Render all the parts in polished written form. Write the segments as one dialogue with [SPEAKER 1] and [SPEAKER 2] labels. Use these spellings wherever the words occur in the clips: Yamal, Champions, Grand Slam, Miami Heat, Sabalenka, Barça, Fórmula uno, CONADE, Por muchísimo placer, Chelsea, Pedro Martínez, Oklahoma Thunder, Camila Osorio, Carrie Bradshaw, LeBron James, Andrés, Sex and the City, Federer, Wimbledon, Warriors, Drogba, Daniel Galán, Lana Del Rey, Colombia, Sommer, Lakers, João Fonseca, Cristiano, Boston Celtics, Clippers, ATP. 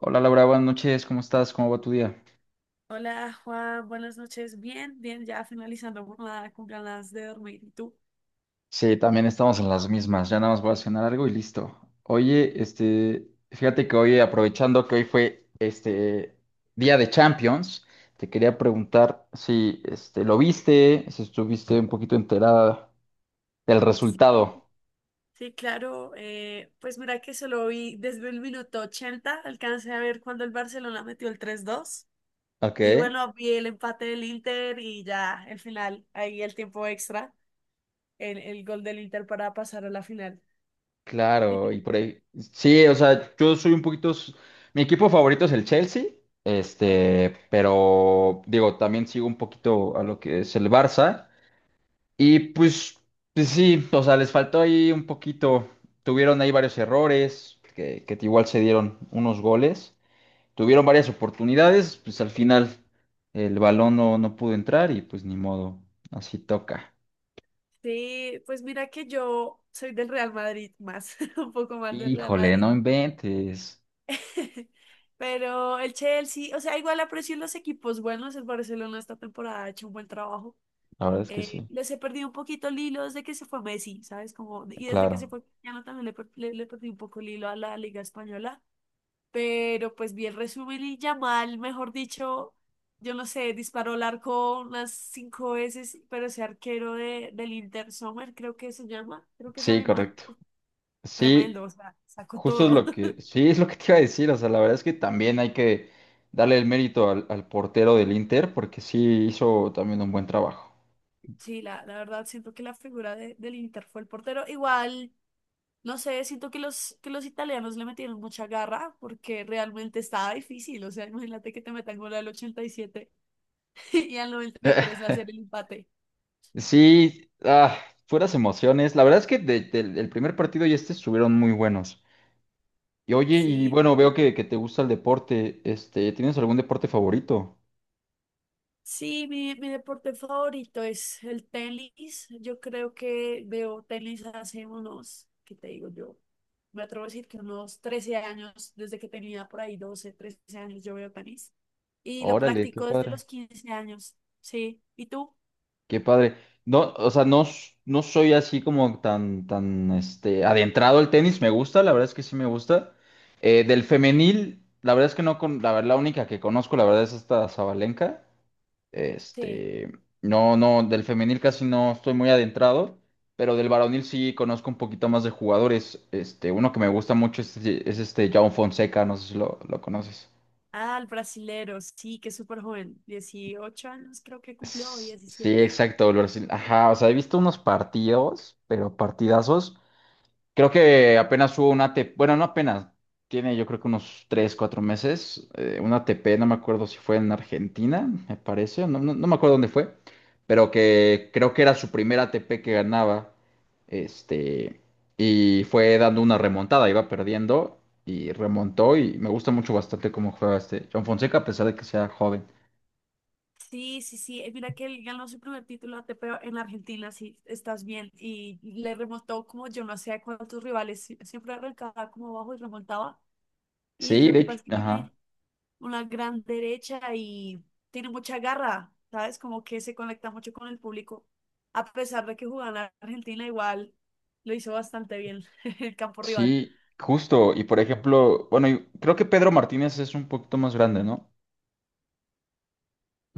[SPEAKER 1] Hola Laura, buenas noches, ¿cómo estás? ¿Cómo va tu día?
[SPEAKER 2] Hola Juan, buenas noches. Bien, bien, ya finalizando jornada con ganas de dormir. ¿Y tú?
[SPEAKER 1] Sí, también estamos en las mismas, ya nada más voy a cenar algo y listo. Oye, fíjate que hoy, aprovechando que hoy fue día de Champions, te quería preguntar si lo viste, si estuviste un poquito enterada del
[SPEAKER 2] Sí,
[SPEAKER 1] resultado.
[SPEAKER 2] Sí, claro. Pues mira que solo vi desde el minuto ochenta, alcancé a ver cuando el Barcelona metió el tres dos.
[SPEAKER 1] Ok,
[SPEAKER 2] Y bueno, vi el empate del Inter y ya el final, ahí el tiempo extra, el gol del Inter para pasar a la final. ¿Y
[SPEAKER 1] claro, y
[SPEAKER 2] tú?
[SPEAKER 1] por ahí. Sí, o sea, yo soy un poquito. Mi equipo favorito es el Chelsea,
[SPEAKER 2] Ok.
[SPEAKER 1] pero digo, también sigo un poquito a lo que es el Barça. Y pues, pues sí, o sea, les faltó ahí un poquito. Tuvieron ahí varios errores, que igual se dieron unos goles. Tuvieron varias oportunidades, pues al final el balón no pudo entrar y pues ni modo, así toca.
[SPEAKER 2] Sí, pues mira que yo soy del Real Madrid más, un poco más del Real
[SPEAKER 1] Híjole,
[SPEAKER 2] Madrid.
[SPEAKER 1] no inventes.
[SPEAKER 2] Pero el Chelsea, o sea, igual aprecio los equipos buenos. El Barcelona esta temporada ha hecho un buen trabajo.
[SPEAKER 1] La verdad es que sí,
[SPEAKER 2] Les he perdido un poquito el hilo desde que se fue Messi, ¿sabes? Como, y desde que se
[SPEAKER 1] claro.
[SPEAKER 2] fue Cristiano también le perdí un poco el hilo a la Liga Española. Pero pues vi el resumen y Yamal, mejor dicho, yo no sé, disparó al arco unas cinco veces, pero ese arquero de, del Inter Sommer, creo que se llama, creo que es
[SPEAKER 1] Sí,
[SPEAKER 2] alemán,
[SPEAKER 1] correcto.
[SPEAKER 2] tremendo,
[SPEAKER 1] Sí,
[SPEAKER 2] o sea, sacó
[SPEAKER 1] justo es
[SPEAKER 2] todo.
[SPEAKER 1] lo que, sí, es lo que te iba a decir. O sea, la verdad es que también hay que darle el mérito al portero del Inter porque sí hizo también un buen trabajo.
[SPEAKER 2] Sí, la verdad, siento que la figura de- del Inter fue el portero. Igual, no sé, siento que los italianos le metieron mucha garra porque realmente estaba difícil. O sea, imagínate que te metan gol al ochenta y siete y al 93 hacer el empate.
[SPEAKER 1] Sí, ah, puras emociones. La verdad es que de- del el primer partido y estuvieron muy buenos. Y oye, y
[SPEAKER 2] Sí,
[SPEAKER 1] bueno, veo que te gusta el deporte. ¿tienes algún deporte favorito?
[SPEAKER 2] sí, mi deporte favorito es el tenis. Yo creo que veo tenis hace unos, ¿qué te digo yo? Me atrevo a decir que unos 13 años, desde que tenía por ahí 12 13 años, yo veo tenis. Y lo
[SPEAKER 1] Órale, qué
[SPEAKER 2] practico desde
[SPEAKER 1] padre.
[SPEAKER 2] los 15 años. Sí. ¿Y tú?
[SPEAKER 1] Qué padre. No, o sea, no, no soy así como tan, tan, adentrado al tenis. Me gusta, la verdad es que sí me gusta. Del femenil, la verdad es que no con, la única que conozco, la verdad es esta Sabalenka.
[SPEAKER 2] Sí.
[SPEAKER 1] Este, no, no, del femenil casi no estoy muy adentrado, pero del varonil sí conozco un poquito más de jugadores. Uno que me gusta mucho es João Fonseca, no sé si lo conoces.
[SPEAKER 2] Ah, el brasilero, sí, que es súper joven. Dieciocho años creo que cumplió, o
[SPEAKER 1] Sí,
[SPEAKER 2] 17.
[SPEAKER 1] exacto, el Brasil. Ajá, o sea, he visto unos partidos, pero partidazos. Creo que apenas hubo una ATP, bueno, no apenas, tiene yo creo que unos 3 4 meses, una ATP, no me acuerdo si fue en Argentina, me parece, no me acuerdo dónde fue, pero que creo que era su primera ATP que ganaba, este, y fue dando una remontada, iba perdiendo y remontó y me gusta mucho bastante cómo juega este John Fonseca a pesar de que sea joven.
[SPEAKER 2] Sí, sí, sí. Mira que él ganó su primer título ATP en Argentina, sí, estás bien. Y le remontó como yo no sé a cuántos rivales, sí, siempre arrancaba como abajo y remontaba. Y
[SPEAKER 1] Sí,
[SPEAKER 2] lo
[SPEAKER 1] de
[SPEAKER 2] que pasa
[SPEAKER 1] hecho,
[SPEAKER 2] es que
[SPEAKER 1] ajá,
[SPEAKER 2] tiene una gran derecha y tiene mucha garra, ¿sabes? Como que se conecta mucho con el público. A pesar de que jugaba en la Argentina, igual lo hizo bastante bien el campo rival.
[SPEAKER 1] sí, justo, y por ejemplo, bueno, y creo que Pedro Martínez es un poquito más grande, ¿no?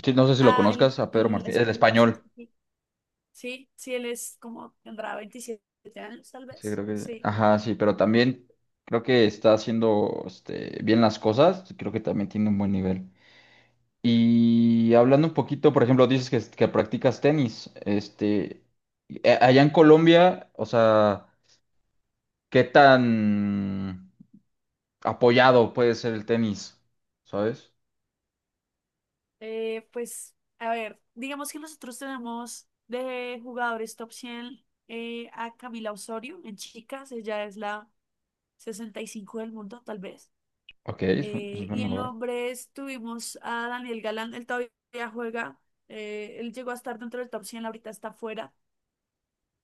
[SPEAKER 1] Sí, no sé si lo
[SPEAKER 2] Ah, el,
[SPEAKER 1] conozcas a Pedro
[SPEAKER 2] el
[SPEAKER 1] Martínez, el
[SPEAKER 2] español, sí,
[SPEAKER 1] español.
[SPEAKER 2] sí, sí. Sí, sí, él es como, tendrá 27 años, tal
[SPEAKER 1] Sí,
[SPEAKER 2] vez.
[SPEAKER 1] creo que.
[SPEAKER 2] Sí.
[SPEAKER 1] Ajá, sí, pero también creo que está haciendo bien las cosas. Creo que también tiene un buen nivel. Y hablando un poquito, por ejemplo, dices que practicas tenis. Allá en Colombia, o sea, ¿qué tan apoyado puede ser el tenis? ¿Sabes?
[SPEAKER 2] Pues, a ver, digamos que nosotros tenemos de jugadores top cien, a Camila Osorio en chicas, ella es la 65 del mundo, tal vez.
[SPEAKER 1] Ok, es un buen
[SPEAKER 2] Y en
[SPEAKER 1] lugar.
[SPEAKER 2] hombres tuvimos a Daniel Galán, él todavía juega, él llegó a estar dentro del top cien, ahorita está fuera.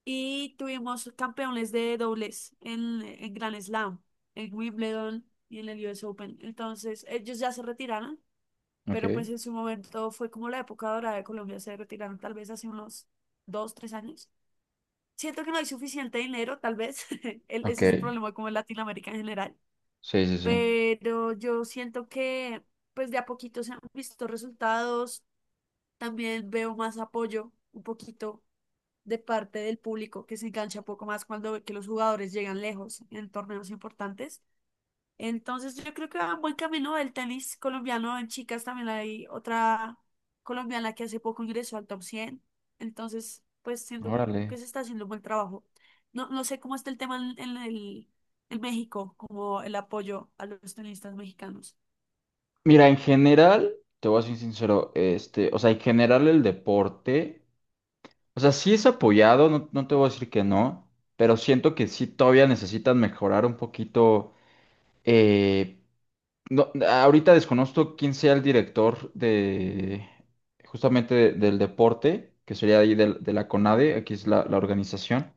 [SPEAKER 2] Y tuvimos campeones de dobles en Grand Slam, en Wimbledon y en el US Open. Entonces, ellos ya se retiraron,
[SPEAKER 1] Ok,
[SPEAKER 2] pero pues en su momento fue como la época dorada de Colombia, se retiraron tal vez hace unos dos, tres años. Siento que no hay suficiente dinero, tal vez, el-
[SPEAKER 1] ok.
[SPEAKER 2] ese es el problema como en Latinoamérica en general,
[SPEAKER 1] Sí, sí, sí.
[SPEAKER 2] pero yo siento que pues de a poquito se han visto resultados, también veo más apoyo un poquito de parte del público que se engancha un poco más cuando ve que los jugadores llegan lejos en torneos importantes. Entonces yo creo que va buen camino el tenis colombiano. En chicas también hay otra colombiana que hace poco ingresó al top 100. Entonces, pues siento
[SPEAKER 1] Órale.
[SPEAKER 2] que se está haciendo un buen trabajo. No, no sé cómo está el tema en México, como el apoyo a los tenistas mexicanos.
[SPEAKER 1] Mira, en general, te voy a ser sincero, o sea, en general el deporte, o sea, sí es apoyado, no, no te voy a decir que no, pero siento que sí todavía necesitan mejorar un poquito. eh, no, ahorita desconozco quién sea el director de justamente del deporte, que sería ahí de la CONADE, aquí es la, la organización.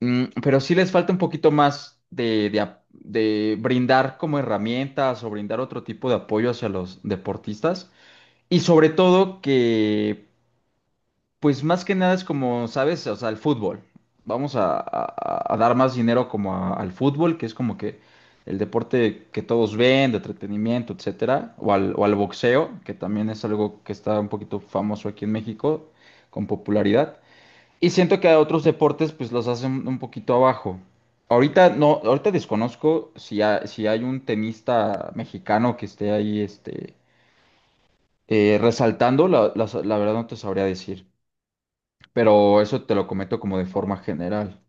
[SPEAKER 1] Mm, pero sí les falta un poquito más de brindar como herramientas o brindar otro tipo de apoyo hacia los deportistas. Y sobre todo que, pues más que nada es como, ¿sabes? O sea, el fútbol. Vamos a dar más dinero como al fútbol, que es como que el deporte que todos ven, de entretenimiento, etcétera, o al boxeo, que también es algo que está un poquito famoso aquí en México, con popularidad. Y siento que a otros deportes, pues los hacen un poquito abajo. Ahorita desconozco si, si hay un tenista mexicano que esté ahí, resaltando, la verdad no te sabría decir, pero eso te lo comento como de forma
[SPEAKER 2] Oh,
[SPEAKER 1] general.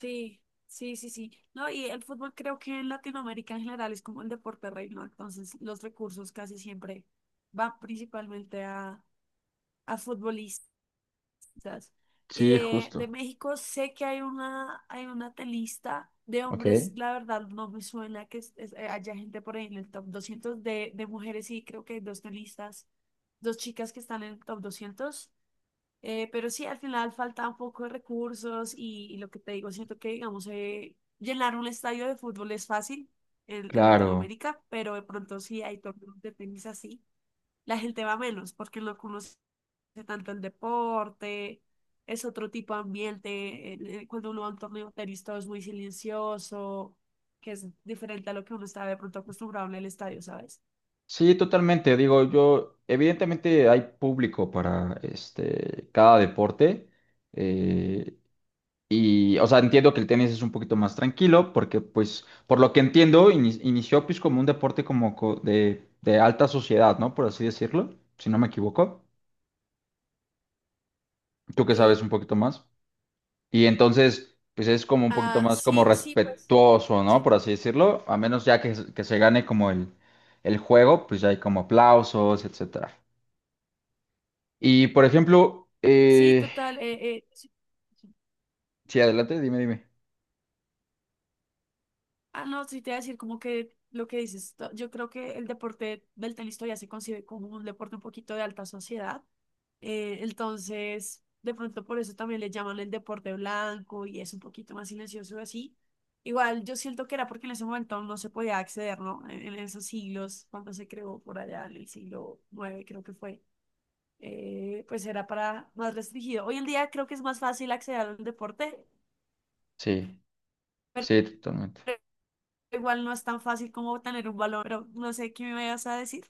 [SPEAKER 2] sí, sí, sí, sí. No, y el fútbol creo que en Latinoamérica en general es como el deporte reino, entonces los recursos casi siempre van principalmente a futbolistas. Quizás. Y
[SPEAKER 1] Sí,
[SPEAKER 2] de
[SPEAKER 1] justo.
[SPEAKER 2] México sé que hay una telista de
[SPEAKER 1] Ok,
[SPEAKER 2] hombres, la verdad no me suena que es- haya gente por ahí en el top 200 de mujeres, sí, creo que hay dos telistas, dos chicas que están en el top doscientos. Pero sí, al final falta un poco de recursos y lo que te digo, siento que, digamos, llenar un estadio de fútbol es fácil en
[SPEAKER 1] claro.
[SPEAKER 2] Latinoamérica, pero de pronto sí hay torneos de tenis así, la gente va menos porque no conoce tanto el deporte, es otro tipo de ambiente. El- el- Cuando uno va a un torneo de tenis todo es muy silencioso, que es diferente a lo que uno está de pronto acostumbrado en el estadio, ¿sabes?
[SPEAKER 1] Sí, totalmente. Digo, yo, evidentemente hay público para cada deporte. eh, y, o sea, entiendo que el tenis es un poquito más tranquilo porque, pues, por lo que entiendo, inició pues como un deporte de alta sociedad, ¿no? Por así decirlo, si no me equivoco. Tú que sabes un
[SPEAKER 2] Sí.
[SPEAKER 1] poquito más. Y entonces, pues es como un poquito
[SPEAKER 2] Ah,
[SPEAKER 1] más como
[SPEAKER 2] sí, sí, pues.
[SPEAKER 1] respetuoso, ¿no?
[SPEAKER 2] Sí,
[SPEAKER 1] Por así decirlo. A menos ya que se gane como el juego, pues ya hay como aplausos, etcétera. Y por ejemplo,
[SPEAKER 2] sí, total. Sí.
[SPEAKER 1] sí, adelante, dime, dime.
[SPEAKER 2] Ah, no, sí te voy a decir como que lo que dices, to- yo creo que el deporte del tenis todavía se concibe como un deporte un poquito de alta sociedad. Entonces, de pronto por eso también le llaman el deporte blanco y es un poquito más silencioso así. Igual yo siento que era porque en ese momento no se podía acceder, ¿no? En esos siglos, cuando se creó por allá en el siglo nueve creo que fue, pues era para más restringido. Hoy en día creo que es más fácil acceder al deporte,
[SPEAKER 1] Sí, sí, totalmente.
[SPEAKER 2] igual no es tan fácil como tener un balón, pero no sé qué me vayas a decir.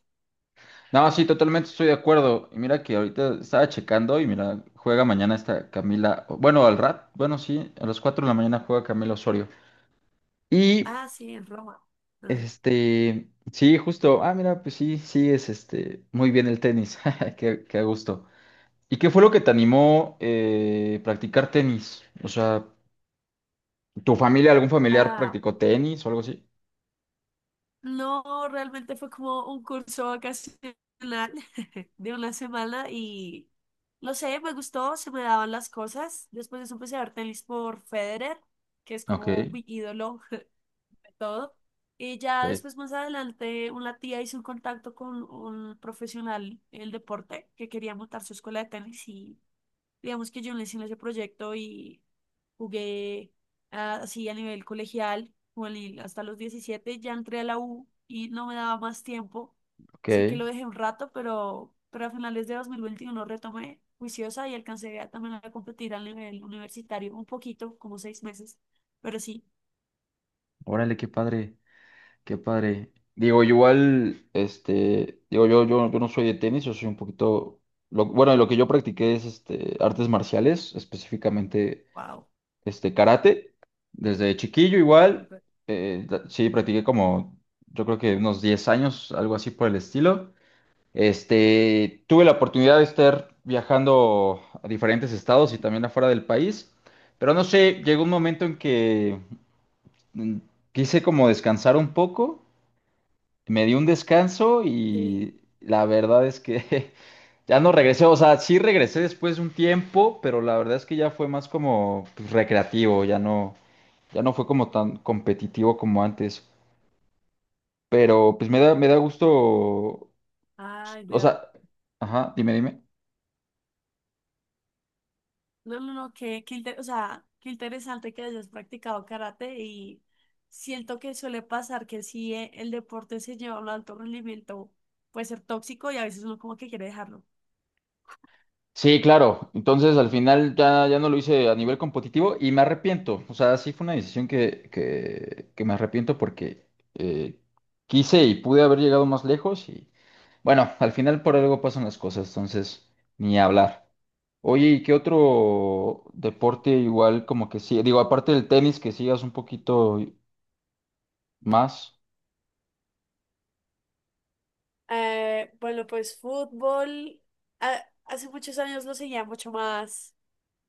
[SPEAKER 1] No, sí, totalmente estoy de acuerdo. Y mira que ahorita estaba checando y mira, juega mañana esta Camila, bueno, al rat, bueno, sí, a las 4 de la mañana juega Camila Osorio. Y
[SPEAKER 2] Ah, sí, en Roma. Mm.
[SPEAKER 1] Sí, justo. Ah, mira, pues sí, sí es muy bien el tenis. Qué, qué a gusto. ¿Y qué fue lo que te animó practicar tenis? O sea, ¿tu familia, algún familiar
[SPEAKER 2] Ah,
[SPEAKER 1] practicó tenis o algo así?
[SPEAKER 2] no, realmente fue como un curso vacacional de una semana y no sé, me gustó, se me daban las cosas. Después de eso empecé a ver tenis por Federer, que es
[SPEAKER 1] Ok,
[SPEAKER 2] como mi ídolo de todo. Y ya
[SPEAKER 1] ok,
[SPEAKER 2] después, más adelante, una tía hizo un contacto con un profesional en el deporte que quería montar su escuela de tenis y digamos que yo no en ese proyecto y jugué, ah, así a nivel colegial, jugué hasta los diecisiete, ya entré a la U y no me daba más tiempo. Sé que
[SPEAKER 1] ok.
[SPEAKER 2] lo dejé un rato, pero a finales de 2021 retomé juiciosa y alcancé a, también a competir a nivel universitario un poquito, como seis meses, pero sí,
[SPEAKER 1] Órale, qué padre, qué padre. Digo, igual, digo, yo no soy de tenis, yo soy un poquito. Lo- bueno, lo que yo practiqué es artes marciales, específicamente
[SPEAKER 2] wow.
[SPEAKER 1] karate, desde chiquillo igual,
[SPEAKER 2] Súper.
[SPEAKER 1] sí, practiqué como, yo creo que unos 10 años, algo así por el estilo. Tuve la oportunidad de estar viajando a diferentes estados y también afuera del país, pero no sé, llegó un momento en que mm, quise como descansar un poco, me di un descanso
[SPEAKER 2] Sí.
[SPEAKER 1] y la verdad es que ya no regresé, o sea, sí regresé después de un tiempo, pero la verdad es que ya fue más como pues, recreativo, ya ya no fue como tan competitivo como antes, pero pues me da gusto,
[SPEAKER 2] Ay,
[SPEAKER 1] o
[SPEAKER 2] vea.
[SPEAKER 1] sea, ajá, dime, dime.
[SPEAKER 2] No, no, no, Qué, qué inte- o sea, qué interesante que hayas practicado karate y siento que suele pasar que si el deporte se lleva a un alto rendimiento puede ser tóxico y a veces uno como que quiere dejarlo.
[SPEAKER 1] Sí, claro, entonces al final ya, ya no lo hice a nivel competitivo y me arrepiento, o sea, sí fue una decisión que me arrepiento porque eh, quise y pude haber llegado más lejos y bueno, al final por algo pasan las cosas, entonces ni hablar. Oye, ¿y qué otro
[SPEAKER 2] Sí.
[SPEAKER 1] deporte igual como que sí? Digo, aparte del tenis, que sigas un poquito más.
[SPEAKER 2] Bueno, pues fútbol, a- hace muchos años lo seguía mucho más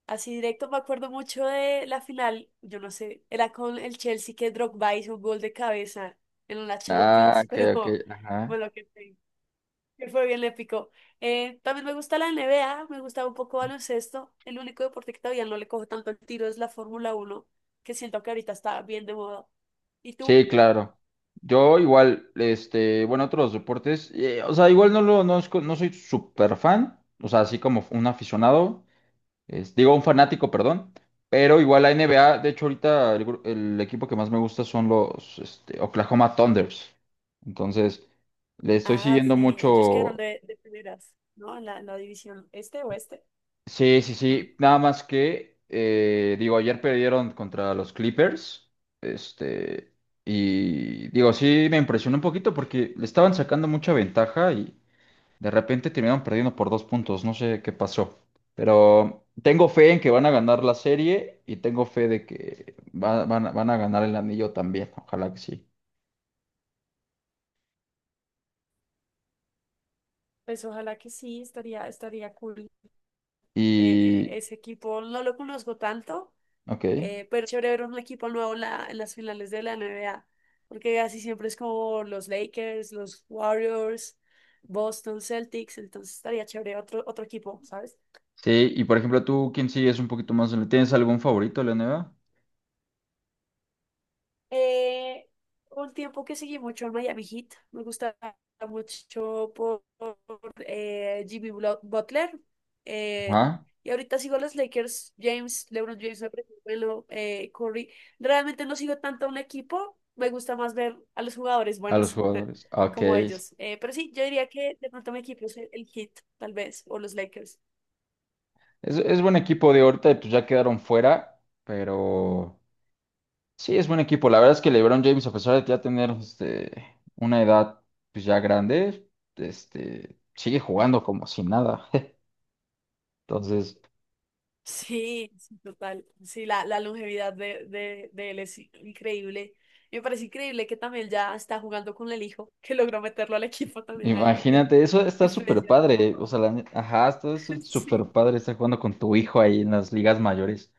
[SPEAKER 2] así directo. Me acuerdo mucho de la final, yo no sé, era con el Chelsea que Drogba hizo un gol de cabeza en la
[SPEAKER 1] Ah,
[SPEAKER 2] Champions,
[SPEAKER 1] ok,
[SPEAKER 2] pero
[SPEAKER 1] ok, ajá.
[SPEAKER 2] bueno, que él fue bien le picó. También me gusta la NBA, me gusta un poco baloncesto. El único deporte que todavía no le cojo tanto el tiro es la Fórmula uno, que siento que ahorita está bien de moda. ¿Y tú?
[SPEAKER 1] Sí, claro. Yo igual, bueno, otros deportes, o sea, igual no lo, no, no soy súper fan, o sea, así como un aficionado, digo, un fanático, perdón, pero igual la NBA, de hecho, ahorita el equipo que más me gusta son los, Oklahoma Thunders. Entonces, le estoy
[SPEAKER 2] Ah,
[SPEAKER 1] siguiendo
[SPEAKER 2] sí, ellos quedaron
[SPEAKER 1] mucho,
[SPEAKER 2] de primeras, ¿no? En la división este oeste.
[SPEAKER 1] sí, sí,
[SPEAKER 2] Mm.
[SPEAKER 1] sí. Nada más que, digo, ayer perdieron contra los Clippers. Este, y digo, sí me impresionó un poquito porque le estaban sacando mucha ventaja y de repente terminaron perdiendo por dos puntos. No sé qué pasó. Pero tengo fe en que van a ganar la serie y tengo fe de que van a ganar el anillo también. Ojalá que sí.
[SPEAKER 2] Pues ojalá que sí, estaría, estaría cool.
[SPEAKER 1] Y,
[SPEAKER 2] Ese equipo no lo conozco tanto.
[SPEAKER 1] ok.
[SPEAKER 2] Pero es chévere ver un equipo nuevo en, la- en las finales de la NBA, porque así siempre es como los Lakers, los Warriors, Boston Celtics, entonces estaría chévere otro, otro equipo, ¿sabes?
[SPEAKER 1] Sí, y por ejemplo, tú, ¿quién sí es un poquito más? ¿Le tienes algún favorito, Leoneva?
[SPEAKER 2] Eh, un tiempo que seguí mucho al Miami Heat, me gustaba mucho por, Jimmy Blo- Butler. eh,
[SPEAKER 1] Ajá.
[SPEAKER 2] y ahorita sigo a los Lakers, James, LeBron James, me parece bueno, Curry. Realmente no sigo tanto a un equipo, me gusta más ver a los jugadores
[SPEAKER 1] A los
[SPEAKER 2] buenos
[SPEAKER 1] jugadores. Ok.
[SPEAKER 2] como ellos. Pero sí, yo diría que de pronto mi equipo es el Heat, tal vez, o los Lakers.
[SPEAKER 1] Es buen equipo de ahorita, pues ya quedaron fuera, pero sí, es buen equipo. La verdad es que LeBron James, a pesar de ya tener una edad pues ya grande, sigue jugando como si nada. Entonces,
[SPEAKER 2] Sí, sí, total. Sí, la longevidad de él es increíble. Y me parece increíble que también ya está jugando con el hijo, que logró meterlo al equipo también ahí.
[SPEAKER 1] imagínate, eso está súper
[SPEAKER 2] Influencias un
[SPEAKER 1] padre. O
[SPEAKER 2] poco.
[SPEAKER 1] sea, ajá, está súper
[SPEAKER 2] Sí.
[SPEAKER 1] padre estar jugando con tu hijo ahí en las ligas mayores.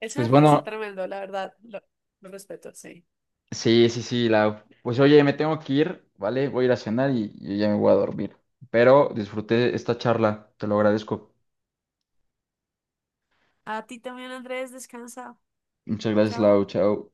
[SPEAKER 2] Eso
[SPEAKER 1] Pues
[SPEAKER 2] me parece
[SPEAKER 1] bueno.
[SPEAKER 2] tremendo, la verdad. Lo respeto, sí.
[SPEAKER 1] Sí, sí, sí, la... Pues oye, me tengo que ir, ¿vale? Voy a ir a cenar y ya me voy a dormir. Pero disfruté esta charla, te lo agradezco.
[SPEAKER 2] A ti también, Andrés, descansa.
[SPEAKER 1] Muchas gracias,
[SPEAKER 2] Chao.
[SPEAKER 1] Lau, chao.